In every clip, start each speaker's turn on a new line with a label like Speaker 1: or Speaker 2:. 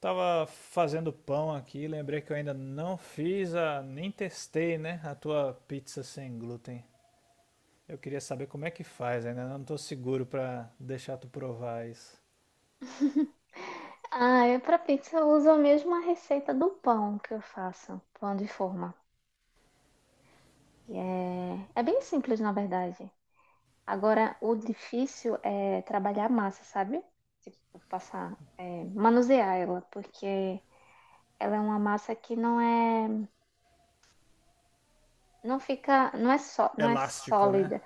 Speaker 1: Tava fazendo pão aqui, lembrei que eu ainda não fiz nem testei, né, a tua pizza sem glúten. Eu queria saber como é que faz, ainda não tô seguro pra deixar tu provar isso.
Speaker 2: Ah, é para pizza eu uso a mesma receita do pão que eu faço, pão de forma. E é bem simples, na verdade. Agora, o difícil é trabalhar a massa, sabe? Tipo, passar, manusear ela, porque ela é uma massa que não é, não fica, não é só, não é
Speaker 1: Elástico, né?
Speaker 2: sólida,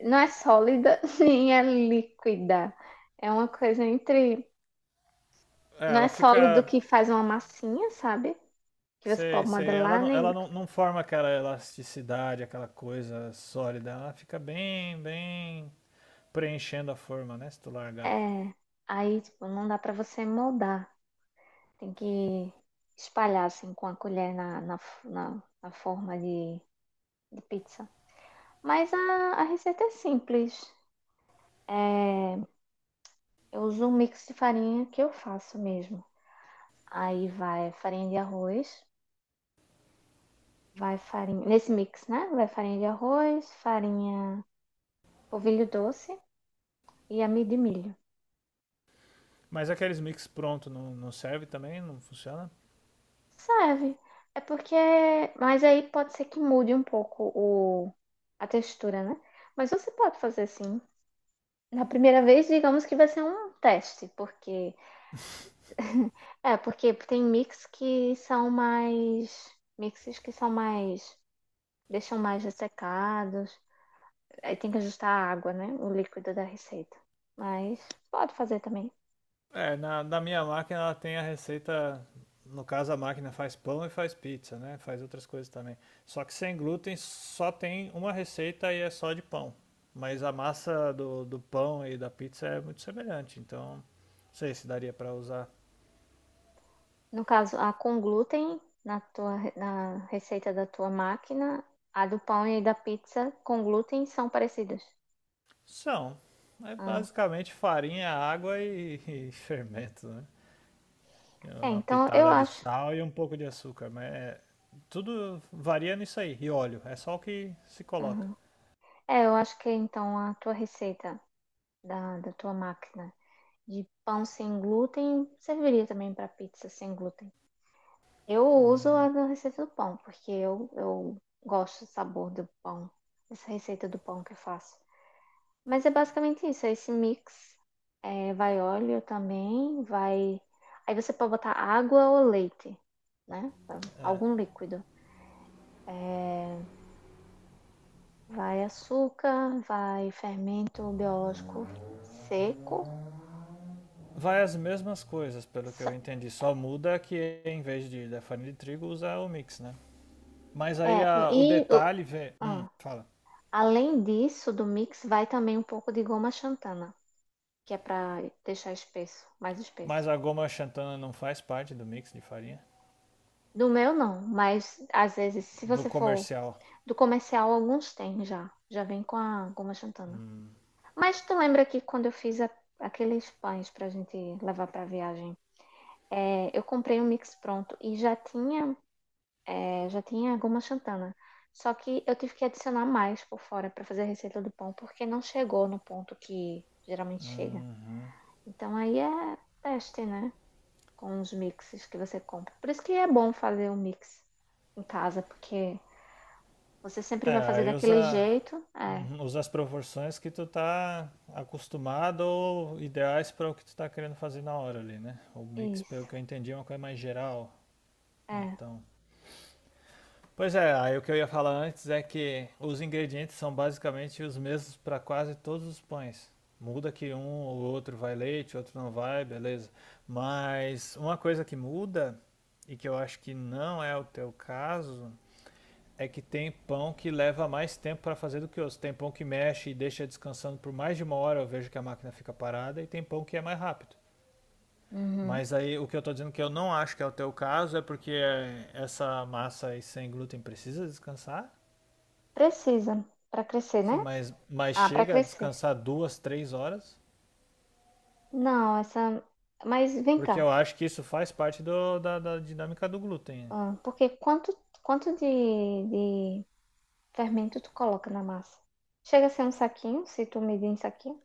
Speaker 2: não é sólida nem é líquida. É uma coisa entre,
Speaker 1: É,
Speaker 2: não é
Speaker 1: ela
Speaker 2: sólido
Speaker 1: fica,
Speaker 2: que faz uma massinha, sabe? Que você
Speaker 1: sei,
Speaker 2: pode
Speaker 1: sei,
Speaker 2: modelar, nem
Speaker 1: ela não, não forma aquela elasticidade, aquela coisa sólida, ela fica bem, bem preenchendo a forma, né, se tu largar.
Speaker 2: É, aí, tipo, não dá pra você moldar. Tem que espalhar, assim, com a colher na forma de pizza. Mas a receita é simples. É, eu uso um mix de farinha que eu faço mesmo. Aí vai farinha de arroz, vai farinha... Nesse mix, né? Vai farinha de arroz, farinha polvilho doce e amido de milho.
Speaker 1: Mas aqueles mix pronto não serve também? Não funciona?
Speaker 2: Serve. É porque. Mas aí pode ser que mude um pouco o... a textura, né? Mas você pode fazer assim. Na primeira vez, digamos que vai ser um teste, porque. É, porque tem mix que são mais. Mixes que são mais. Deixam mais ressecados. Aí tem que ajustar a água, né? O líquido da receita. Mas pode fazer também.
Speaker 1: É, na minha máquina ela tem a receita. No caso, a máquina faz pão e faz pizza, né? Faz outras coisas também. Só que sem glúten só tem uma receita e é só de pão. Mas a massa do pão e da pizza é muito semelhante, então não sei se daria para usar.
Speaker 2: No caso, a com glúten na receita da tua máquina, a do pão e da pizza com glúten são parecidas.
Speaker 1: São. É
Speaker 2: Ah,
Speaker 1: basicamente farinha, água e, e fermento, né? E
Speaker 2: É,
Speaker 1: uma
Speaker 2: então eu
Speaker 1: pitada de
Speaker 2: acho.
Speaker 1: sal e um pouco de açúcar, mas é, tudo varia nisso aí. E óleo, é só o que se coloca.
Speaker 2: Uhum. É, eu acho que então a tua receita da tua máquina de pão sem glúten serviria também para pizza sem glúten. Eu uso a da receita do pão, porque eu gosto do sabor do pão, essa receita do pão que eu faço. Mas é basicamente isso, é esse mix. É, vai óleo também, vai. Aí você pode botar água ou leite, né? Algum líquido. É, vai açúcar, vai fermento biológico seco.
Speaker 1: Vai as mesmas coisas, pelo que
Speaker 2: S-
Speaker 1: eu entendi. Só muda que em vez de da farinha de trigo usa o mix, né? Mas
Speaker 2: É.
Speaker 1: o detalhe vê.
Speaker 2: Ah,
Speaker 1: Fala.
Speaker 2: além disso, do mix, vai também um pouco de goma xantana, que é para deixar espesso, mais espesso.
Speaker 1: Mas a goma xantana não faz parte do mix de farinha?
Speaker 2: Do meu não, mas às vezes, se
Speaker 1: Do
Speaker 2: você for.
Speaker 1: comercial.
Speaker 2: Do comercial, alguns tem já. Já vem com a goma xantana.
Speaker 1: Hum,
Speaker 2: Mas tu lembra que quando eu fiz aqueles pães pra gente levar pra viagem, eu comprei um mix pronto e já tinha, já tinha goma xantana. Só que eu tive que adicionar mais por fora pra fazer a receita do pão, porque não chegou no ponto que geralmente chega.
Speaker 1: uhum.
Speaker 2: Então aí é teste, né? Com os mixes que você compra. Por isso que é bom fazer o mix em casa, porque você sempre
Speaker 1: É,
Speaker 2: vai fazer
Speaker 1: aí
Speaker 2: daquele
Speaker 1: usa,
Speaker 2: jeito. É,
Speaker 1: uhum, usa as proporções que tu tá acostumado ou ideais para o que tu tá querendo fazer na hora ali, né? O mix, pelo
Speaker 2: isso.
Speaker 1: que eu entendi, é uma coisa mais geral.
Speaker 2: É.
Speaker 1: Então. Pois é, aí o que eu ia falar antes é que os ingredientes são basicamente os mesmos para quase todos os pães. Muda que um ou outro vai leite, outro não vai, beleza. Mas uma coisa que muda, e que eu acho que não é o teu caso, é que tem pão que leva mais tempo para fazer do que outros. Tem pão que mexe e deixa descansando por mais de uma hora, eu vejo que a máquina fica parada, e tem pão que é mais rápido.
Speaker 2: Uhum.
Speaker 1: Mas aí o que eu estou dizendo que eu não acho que é o teu caso é porque essa massa aí sem glúten precisa descansar.
Speaker 2: Precisa para crescer,
Speaker 1: Sim,
Speaker 2: né?
Speaker 1: mas
Speaker 2: Ah, para
Speaker 1: chega a
Speaker 2: crescer.
Speaker 1: descansar duas, três horas,
Speaker 2: Não, essa. Mas vem
Speaker 1: porque
Speaker 2: cá.
Speaker 1: eu acho que isso faz parte da dinâmica do glúten.
Speaker 2: Ah, porque quanto de fermento tu coloca na massa? Chega a ser um saquinho, se tu medir em saquinho?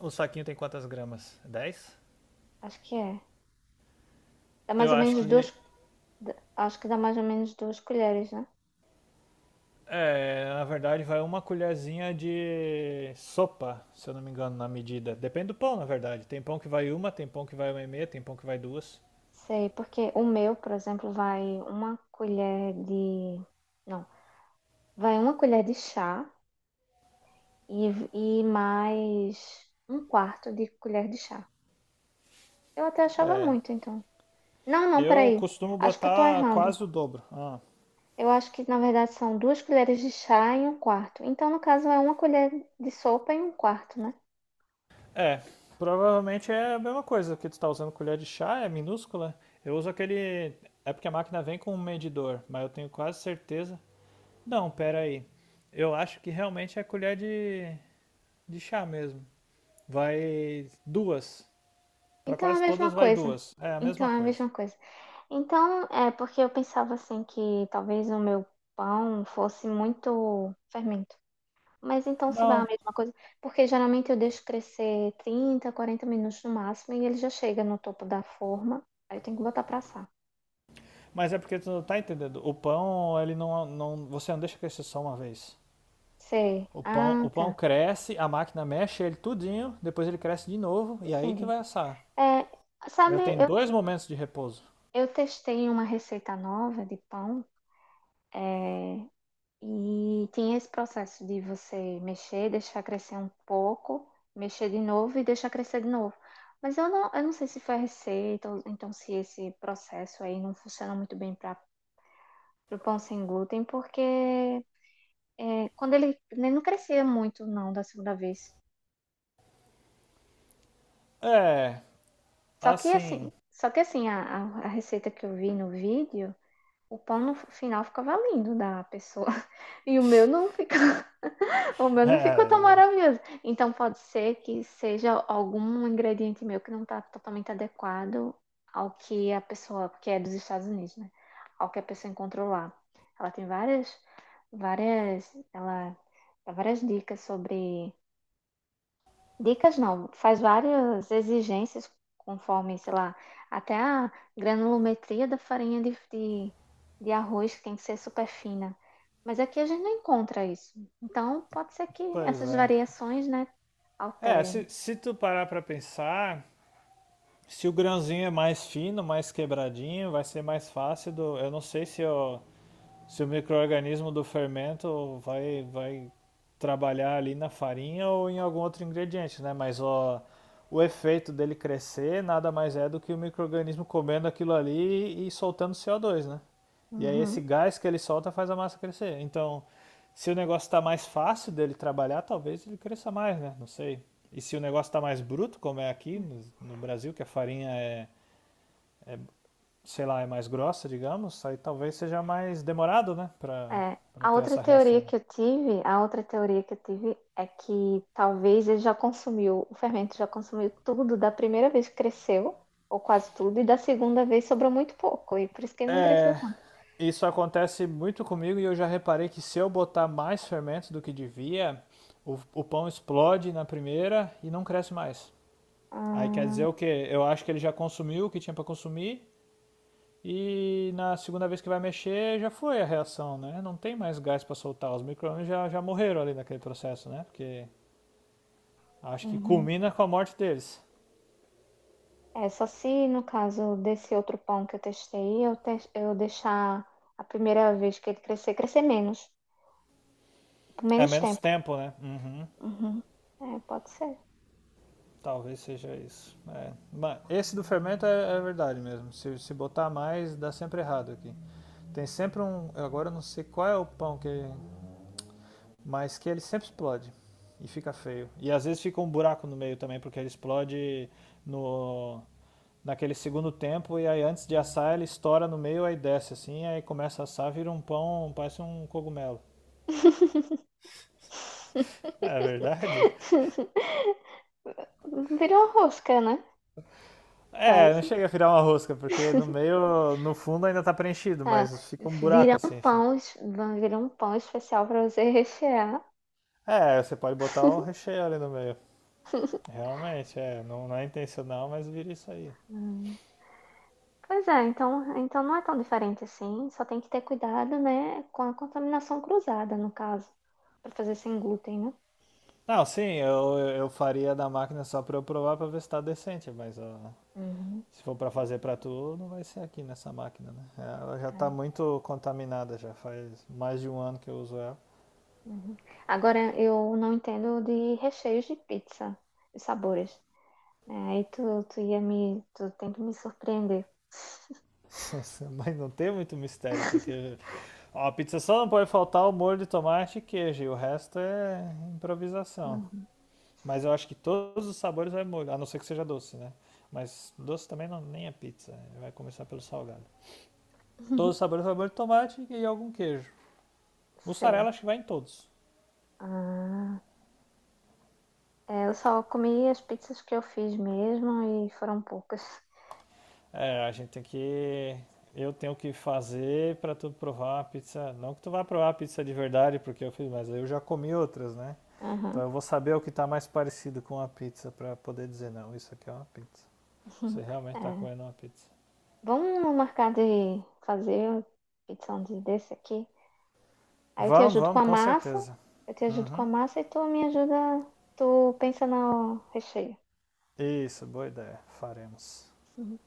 Speaker 1: O saquinho tem quantas gramas? Dez.
Speaker 2: Acho que é. Dá mais
Speaker 1: Eu
Speaker 2: ou
Speaker 1: acho
Speaker 2: menos duas.
Speaker 1: que,
Speaker 2: Acho que dá mais ou menos 2 colheres, né?
Speaker 1: é, na verdade, vai uma colherzinha de sopa, se eu não me engano, na medida. Depende do pão, na verdade. Tem pão que vai uma, tem pão que vai uma e meia, tem pão que vai duas.
Speaker 2: Sei, porque o meu, por exemplo, vai uma colher de. Não, vai 1 colher de chá e, e mais 1/4 de colher de chá. Eu até achava
Speaker 1: É,
Speaker 2: muito, então. Não, não,
Speaker 1: eu
Speaker 2: peraí.
Speaker 1: costumo
Speaker 2: Acho que eu tô
Speaker 1: botar
Speaker 2: errando.
Speaker 1: quase o dobro. Ah,
Speaker 2: Eu acho que, na verdade, são 2 colheres de chá em um quarto. Então, no caso, é 1 colher de sopa em um quarto, né?
Speaker 1: é, provavelmente é a mesma coisa que tu tá usando colher de chá, é minúscula. Eu uso aquele. É porque a máquina vem com um medidor, mas eu tenho quase certeza. Não, pera aí. Eu acho que realmente é colher de chá mesmo. Vai duas. Pra
Speaker 2: Então, é a
Speaker 1: quase
Speaker 2: mesma
Speaker 1: todas vai
Speaker 2: coisa.
Speaker 1: duas. É a
Speaker 2: Então,
Speaker 1: mesma
Speaker 2: é a
Speaker 1: coisa.
Speaker 2: mesma coisa. Então, é porque eu pensava assim que talvez o meu pão fosse muito fermento. Mas então, se vai a
Speaker 1: Não,
Speaker 2: mesma coisa, porque geralmente eu deixo crescer 30, 40 minutos no máximo e ele já chega no topo da forma. Aí eu tenho que botar pra assar.
Speaker 1: mas é porque tu não tá entendendo. O pão, ele não, não, você não deixa crescer só uma vez.
Speaker 2: Sei. Ah,
Speaker 1: O pão
Speaker 2: tá.
Speaker 1: cresce, a máquina mexe ele tudinho, depois ele cresce de novo e aí que
Speaker 2: Entendi.
Speaker 1: vai assar.
Speaker 2: É,
Speaker 1: Ele
Speaker 2: sabe,
Speaker 1: tem
Speaker 2: eu,
Speaker 1: dois momentos de repouso.
Speaker 2: eu testei uma receita nova de pão e tinha esse processo de você mexer, deixar crescer um pouco, mexer de novo e deixar crescer de novo. Mas eu não sei se foi a receita, ou então se esse processo aí não funciona muito bem para o pão sem glúten, porque é, quando ele não crescia muito, não, da segunda vez.
Speaker 1: É,
Speaker 2: Só que assim,
Speaker 1: assim.
Speaker 2: só que assim, a, a receita que eu vi no vídeo. O pão no final ficava lindo da pessoa. E o meu não ficou. O meu não ficou tão
Speaker 1: É,
Speaker 2: maravilhoso. Então pode ser que seja algum ingrediente meu que não está totalmente adequado ao que a pessoa, que é dos Estados Unidos, né? Ao que a pessoa encontrou lá. Ela tem várias, várias, ela dá várias dicas sobre. Dicas não, faz várias exigências conforme, sei lá, até a granulometria da farinha de arroz que tem que ser super fina. Mas aqui a gente não encontra isso. Então, pode ser que
Speaker 1: pois
Speaker 2: essas
Speaker 1: é.
Speaker 2: variações, né,
Speaker 1: É,
Speaker 2: alterem.
Speaker 1: se tu parar pra pensar, se o grãozinho é mais fino, mais quebradinho, vai ser mais fácil do. Eu não sei se eu. Se o microorganismo do fermento vai trabalhar ali na farinha ou em algum outro ingrediente, né? Mas ó, o efeito dele crescer nada mais é do que o microorganismo comendo aquilo ali e soltando CO2, né? E aí esse
Speaker 2: Uhum.
Speaker 1: gás que ele solta faz a massa crescer. Então, se o negócio está mais fácil dele trabalhar, talvez ele cresça mais, né? Não sei. E se o negócio está mais bruto, como é aqui no Brasil, que a farinha é sei lá, é mais grossa, digamos, aí talvez seja mais demorado, né, pra,
Speaker 2: É,
Speaker 1: pra
Speaker 2: a
Speaker 1: ter
Speaker 2: outra
Speaker 1: essa
Speaker 2: teoria
Speaker 1: reação.
Speaker 2: que eu tive, a outra teoria que eu tive é que talvez ele já consumiu, o fermento já consumiu tudo da primeira vez que cresceu, ou quase tudo, e da segunda vez sobrou muito pouco, e por isso que ele não cresceu
Speaker 1: É,
Speaker 2: tanto.
Speaker 1: isso acontece muito comigo e eu já reparei que se eu botar mais fermento do que devia, o pão explode na primeira e não cresce mais. Aí
Speaker 2: Ah,
Speaker 1: quer dizer o quê? Eu acho que ele já consumiu o que tinha pra consumir e na segunda vez que vai mexer já foi a reação, né? Não tem mais gás pra soltar, os micro-ondas já morreram ali naquele processo, né? Porque acho que
Speaker 2: uhum.
Speaker 1: culmina com a morte deles.
Speaker 2: É, só se no caso desse outro pão que eu testei, eu deixar a primeira vez que ele crescer, crescer menos, por
Speaker 1: É
Speaker 2: menos
Speaker 1: menos
Speaker 2: tempo.
Speaker 1: tempo, né? Uhum.
Speaker 2: Uhum. É, pode ser.
Speaker 1: Talvez seja isso. É. Mas esse do fermento é verdade mesmo. Se botar mais, dá sempre errado aqui. Tem sempre um. Agora eu não sei qual é o pão que. Mas que ele sempre explode. E fica feio. E às vezes fica um buraco no meio também, porque ele explode no naquele segundo tempo. E aí antes de assar, ele estoura no meio, aí desce assim, aí começa a assar, vira um pão, parece um cogumelo. É verdade?
Speaker 2: Vira uma rosca, né?
Speaker 1: É, não
Speaker 2: Quase.
Speaker 1: chega a virar uma rosca, porque no meio, no fundo ainda tá preenchido,
Speaker 2: Ah,
Speaker 1: mas fica um
Speaker 2: vira
Speaker 1: buraco
Speaker 2: um
Speaker 1: assim. Fica.
Speaker 2: pão, vai virar um pão especial para você rechear.
Speaker 1: É, você pode botar um recheio ali no meio. Realmente, é, não, não é intencional, mas vira isso aí.
Speaker 2: Hum. Pois é, então, então não é tão diferente assim, só tem que ter cuidado, né, com a contaminação cruzada, no caso, para fazer sem glúten, né?
Speaker 1: Não, sim, eu faria da máquina só pra eu provar pra ver se tá decente, mas ó,
Speaker 2: Uhum.
Speaker 1: se for pra fazer pra tu, não vai ser aqui nessa máquina, né? É, ela já tá muito contaminada, já faz mais de um ano que eu uso ela.
Speaker 2: Uhum. Agora, eu não entendo de recheios de pizza, de sabores. É, aí tu tem que me surpreender.
Speaker 1: Mas não tem muito mistério, porque ó, a pizza só não pode faltar o molho de tomate e queijo, e o resto é improvisação.
Speaker 2: Uhum.
Speaker 1: Mas eu acho que todos os sabores vai molho, a não ser que seja doce, né? Mas doce também não, nem é pizza, né? Vai começar pelo salgado. Todos os sabores vai molho de tomate e algum queijo.
Speaker 2: Sei.
Speaker 1: Mussarela acho que vai em todos.
Speaker 2: Ah, é, eu só comi as pizzas que eu fiz mesmo e foram poucas.
Speaker 1: É, a gente tem que eu tenho que fazer para tu provar uma pizza. Não que tu vá provar a pizza de verdade, porque eu fiz, mas eu já comi outras, né? Então
Speaker 2: Aham.
Speaker 1: eu vou saber o que tá mais parecido com a pizza para poder dizer, não, isso aqui é uma pizza. Você realmente está
Speaker 2: É.
Speaker 1: comendo uma pizza.
Speaker 2: Vamos marcar de fazer pizza um dia desse aqui. Aí eu te
Speaker 1: Vamos,
Speaker 2: ajudo com
Speaker 1: vamos,
Speaker 2: a
Speaker 1: com
Speaker 2: massa,
Speaker 1: certeza.
Speaker 2: eu te ajudo com a
Speaker 1: Uhum.
Speaker 2: massa e tu me ajuda, tu pensa no recheio.
Speaker 1: Isso, boa ideia. Faremos.
Speaker 2: Uhum.